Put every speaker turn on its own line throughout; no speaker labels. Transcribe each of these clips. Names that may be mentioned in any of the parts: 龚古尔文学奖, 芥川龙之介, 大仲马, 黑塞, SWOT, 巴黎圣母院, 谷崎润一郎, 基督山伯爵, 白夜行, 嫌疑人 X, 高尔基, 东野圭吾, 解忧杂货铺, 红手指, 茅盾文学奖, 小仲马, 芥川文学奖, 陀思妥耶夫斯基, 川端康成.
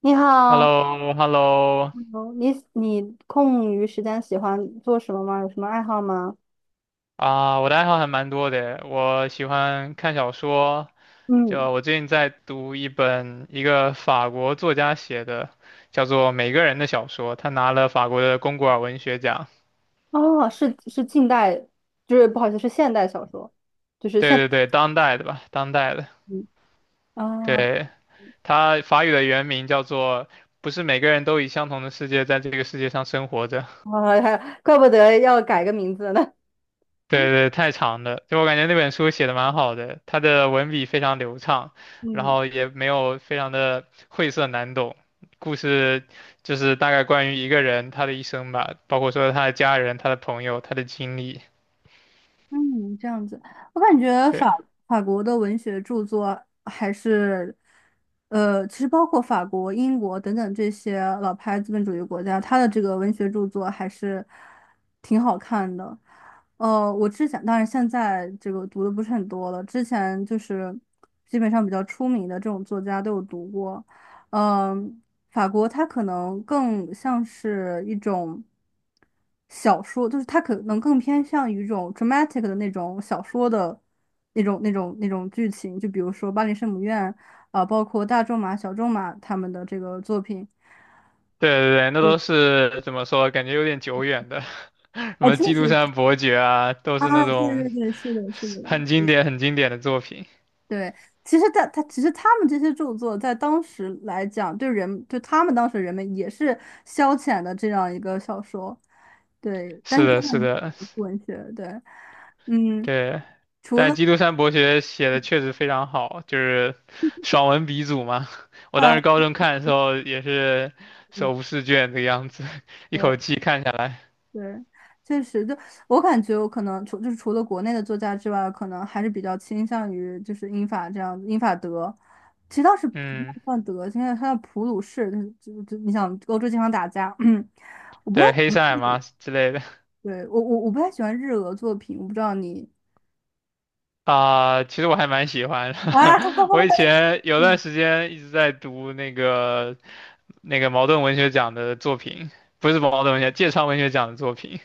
你
h e l l o
好，
h e l l o
哦你空余时间喜欢做什么吗？有什么爱好吗？
啊，我的爱好还蛮多的，我喜欢看小说，
嗯，
就我最近在读一本一个法国作家写的，叫做《每个人的小说》，他拿了法国的龚古尔文学奖。
哦，是近代，就是不好意思，是现代小说，就是
对对对，当代的吧，当代的。
嗯啊，
对，他法语的原名叫做《不是每个人都以相同的世界在这个世界上生活着》。
怪不得要改个名字呢。
对对，太长了。就我感觉那本书写的蛮好的，他的文笔非常流畅，然
嗯
后也没有非常的晦涩难懂。故事就是大概关于一个人他的一生吧，包括说他的家人、他的朋友、他的经历。
嗯，这样子，我感觉法
对
法国的文学著作还是，其实包括法国、英国等等这些老牌资本主义国家，它的这个文学著作还是挺好看的。我之前当然现在这个读的不是很多了，之前就是基本上比较出名的这种作家都有读过，嗯、法国它可能更像是一种小说，就是它可能更偏向于一种 dramatic 的那种小说的那种剧情，就比如说《巴黎圣母院》啊、包括大仲马、小仲马他们的这个作品。
对对对，那都是怎么说？感觉有点久远的，什
啊，
么
确
《基督
实
山伯爵》啊，都
啊，
是那
对
种
对对，是的，是的，
很经典、很经典的作品。
对，其实他其实他们这些著作在当时来讲，对人对他们当时人们也是消遣的这样一个小说。对，但
是
是。
的，是的。
文学，对，嗯，
对，但基督山伯爵写的确实非常好，就是爽文鼻祖嘛。我
啊，
当时高中看的时候也是
嗯
手不释卷的样子，一
对
口气看下来。
对，确实，就我感觉，我可能除就是除了国内的作家之外，可能还是比较倾向于就是英法这样子，英法德，其实倒是不
嗯，
算德，现在他的普鲁士，就是你想欧洲经常打架，嗯，我不太，
对，黑塞嘛之类的。
对，我不太喜欢日俄作品，我不知道你
啊、其实我还蛮喜欢的。
啊，
我以 前有段
嗯
时间一直在读那个茅盾文学奖的作品，不是茅盾文学，芥川文学奖的作品。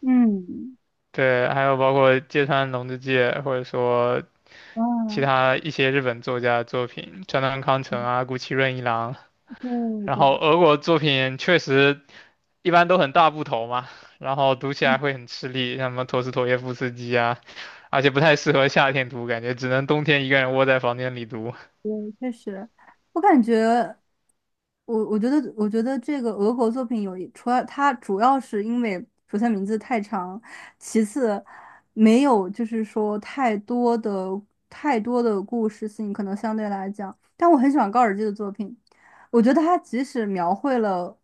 嗯
对，还有包括芥川龙之介，或者说其
啊，
他一些日本作家的作品，川端康成啊、谷崎润一郎，
对
然
对。
后俄国作品确实一般都很大部头嘛，然后读起
嗯
来会很吃力，像什么陀思妥耶夫斯基啊，而且不太适合夏天读，感觉只能冬天一个人窝在房间里读。
对，确实，我感觉，我我觉得，我觉得这个俄国作品除了它主要是因为首先名字太长，其次没有就是说太多的故事性，可能相对来讲，但我很喜欢高尔基的作品，我觉得他即使描绘了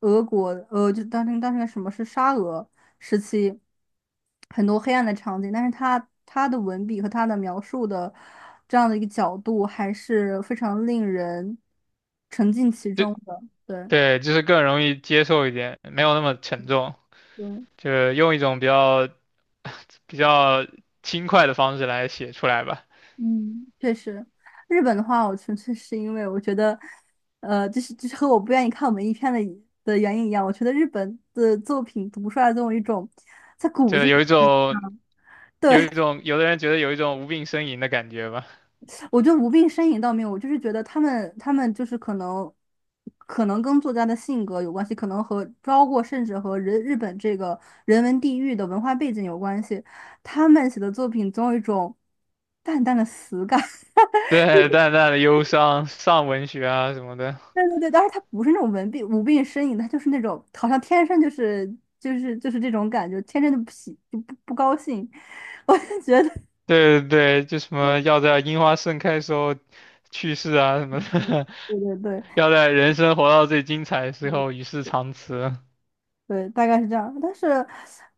俄国，就当时那个什么是沙俄时期很多黑暗的场景，但是他的文笔和他的描述的这样的一个角度，还是非常令人沉浸其
就
中的。对，
对，就是更容易接受一点，没有那么沉重，
对，
就是用一种比较轻快的方式来写出来吧，
嗯，确实，日本的话，我纯粹是因为我觉得，就是和我不愿意看文艺片的的原因一样，我觉得日本的作品读出来总有一种。
就有一种有
对，
一种有的人觉得有一种无病呻吟的感觉吧。
我觉得无病呻吟倒没有，我就是觉得他们就是可能，可能跟作家的性格有关系，可能和包括甚至和人日本这个人文地域的文化背景有关系。他们写的作品总有一种淡淡的死感。
对，淡淡的忧伤，上文学啊什么的。
对对对，当然他不是那种文病无病呻吟，他就是那种好像天生就是就是这种感觉，天生就不喜就不不高兴。我就觉得，
对对对，就什 么要在樱花盛开时候去世啊什么的，
对对对。
要在人生活到最精彩的时候与世长辞。
对，大概是这样。但是，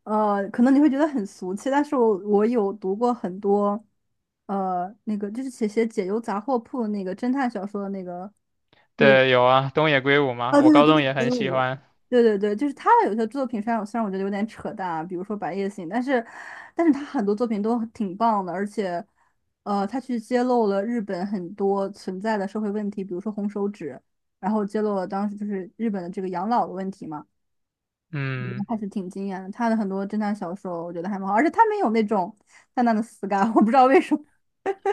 可能你会觉得很俗气，但是我有读过很多，那个就是写解忧杂货铺那个侦探小说的那个，那个，
对，有啊，东野圭吾嘛，
哦，
我
对对
高
对
中
对
也
对
很喜欢。
对对对就是他的有些作品虽然我觉得有点扯淡啊，比如说《白夜行》，但是但是他很多作品都挺棒的，而且，他去揭露了日本很多存在的社会问题，比如说红手指，然后揭露了当时就是日本的这个养老的问题嘛。
嗯，
还是挺惊艳的。他的很多侦探小说，我觉得还蛮好，而且他没有那种 淡淡的死感，我不知道为什么。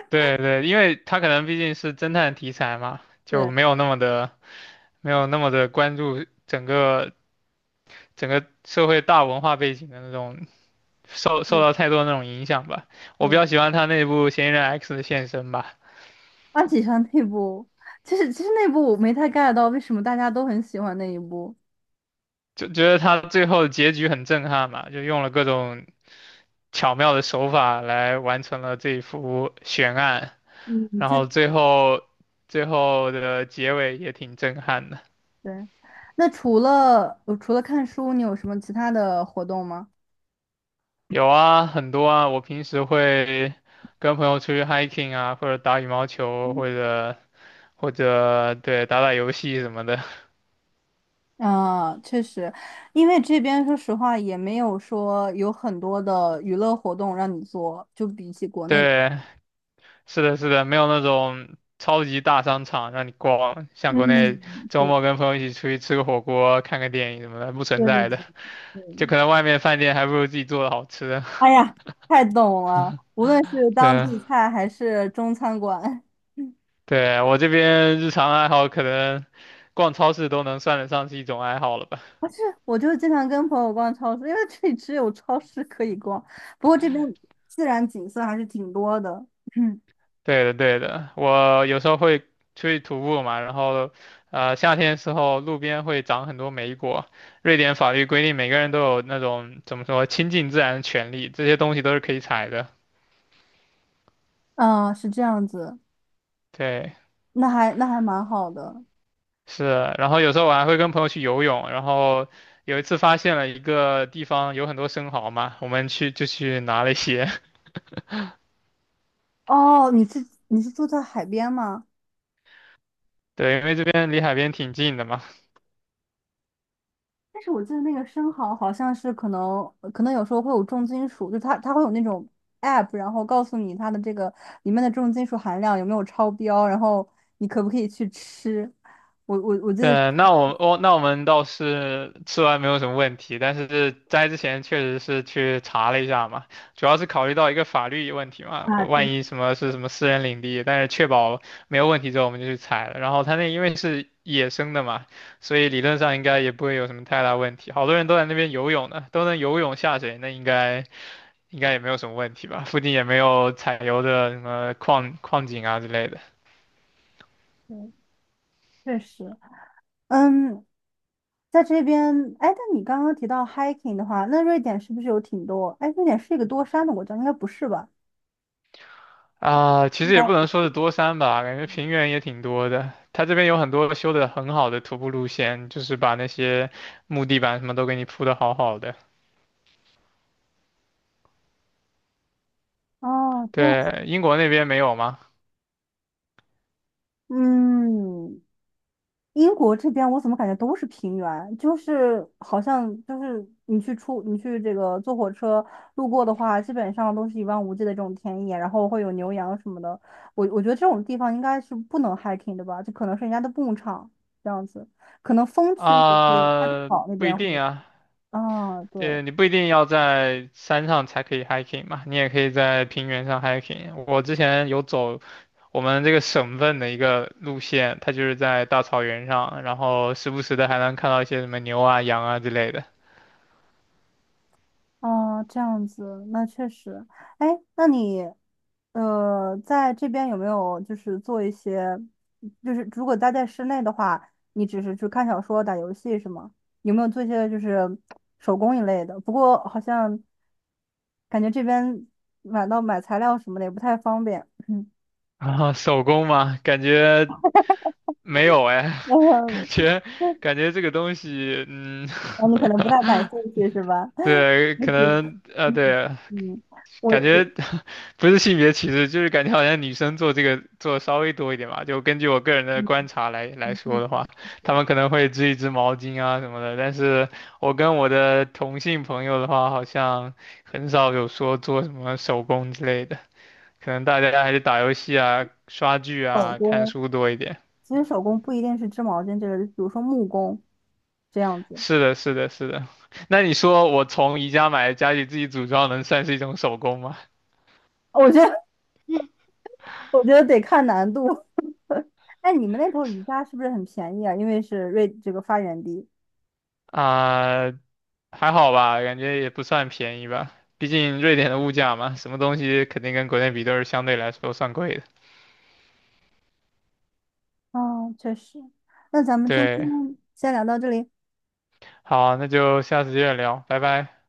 对对，因为他可能毕竟是侦探题材嘛，就
对，
没有那么的关注整个社会大文化背景的那种受
对
受
的，
到太多那种影响吧。我
对
比较
的，
喜欢他那部《嫌疑人 X》的现身吧，
安启山那部，其实那部我没太 get 到为什么大家都很喜欢那一部。
就觉得他最后结局很震撼嘛，就用了各种巧妙的手法来完成了这一幅悬案，
嗯，
然
确实。
后最后的结尾也挺震撼的。
对，那除了除了看书，你有什么其他的活动吗？
有啊，很多啊，我平时会跟朋友出去 hiking 啊，或者打羽毛球，或者对打打游戏什么的。
啊，确实，因为这边说实话也没有说有很多的娱乐活动让你做，就比起国内，
对，是的，是的，没有那种超级大商场让你逛，像国内
嗯，
周
对，
末跟朋友一起出去吃个火锅、看个电影什么的，不存
对对
在的。
对。
就
嗯
可能外面饭店还不如自己做的好吃。
哎呀，太懂了！无论是
对
当
啊。
地菜还是中餐馆，
对，我这边日常爱好可能逛超市都能算得上是一种爱好了吧？
不是，我就是经常跟朋友逛超市，因为这里只有超市可以逛。不过这边自然景色还是挺多的。嗯，
对的，对的，我有时候会出去徒步嘛，然后夏天的时候路边会长很多莓果。瑞典法律规定每个人都有那种怎么说亲近自然的权利，这些东西都是可以采的。
嗯，是这样子，
对，
那还蛮好的。
是。然后有时候我还会跟朋友去游泳，然后有一次发现了一个地方有很多生蚝嘛，我们去就去拿了一些。
哦，你是住在海边吗？
对，因为这边离海边挺近的嘛。
但是我记得那个生蚝好像是可能可能有时候会有重金属，就它会有那种 app，然后告诉你它的这个里面的重金属含量有没有超标，然后你可不可以去吃。我记得是
对，那我们倒是吃完没有什么问题，但是摘之前确实是去查了一下嘛，主要是考虑到一个法律问题嘛，
啊，
万一什么是什么私人领地，但是确保没有问题之后我们就去采了。然后它那因为是野生的嘛，所以理论上应该也不会有什么太大问题。好多人都在那边游泳呢，都能游泳下水，那应该也没有什么问题吧？附近也没有采油的什么矿井啊之类的。
实确实，嗯，在这边，哎，但你刚刚提到 hiking 的话，那瑞典是不是有挺多？哎，瑞典是一个多山的国家，应该不是吧？
啊，其实也不
哦，
能说是多山吧，感觉平原也挺多的。它这边有很多修的很好的徒步路线，就是把那些木地板什么都给你铺的好好的。
哦这样，
对，英国那边没有吗？
嗯，英国这边我怎么感觉都是平原，就是好像就是你去这个坐火车路过的话，基本上都是一望无际的这种田野，然后会有牛羊什么的。我觉得这种地方应该是不能 hiking 的吧，就可能是人家的牧场这样子，可能风区估计太
啊，
草那
不一
边
定
会
啊，
啊，对，
你不一定要在山上才可以 hiking 嘛，你也可以在平原上 hiking。我之前有走我们这个省份的一个路线，它就是在大草原上，然后时不时的还能看到一些什么牛啊、羊啊之类的。
哦，这样子，那确实。哎，那你，在这边有没有就是做一些，就是如果待在室内的话，你只是去看小说、打游戏是吗？有没有做一些就是手工一类的？不过好像感觉这边买材料什么的也不太方便。嗯，
啊，手工吗？感觉没有哎，感觉感觉这个东西，嗯，
我们可能不太感兴趣是吧？
对，可 能
嗯
对，
嗯，我
感
我
觉 不是性别歧视，就是感觉好像女生做这个做得稍微多一点吧。就根据我个人的
嗯
观察来
嗯，
说的
嗯
话，她们可能会织一织毛巾啊什么的，但是我跟我的同性朋友的话，好像很少有说做什么手工之类的，可能大家还是打游戏啊、刷剧
手
啊、看
工。
书多一点。
其实手工不一定是织毛巾这个，比如说木工这样子，
是的，是的，是的。那你说我从宜家买家里自己组装，能算是一种手工吗？
我觉得我觉得得看难度。哎，你们那头瑜伽是不是很便宜啊？因为是瑞这个发源地。
啊、还好吧，感觉也不算便宜吧。毕竟瑞典的物价嘛，什么东西肯定跟国内比都是相对来说算贵的。
哦，确实。那咱们今天
对，
先聊到这里。
好，那就下次接着聊，拜拜。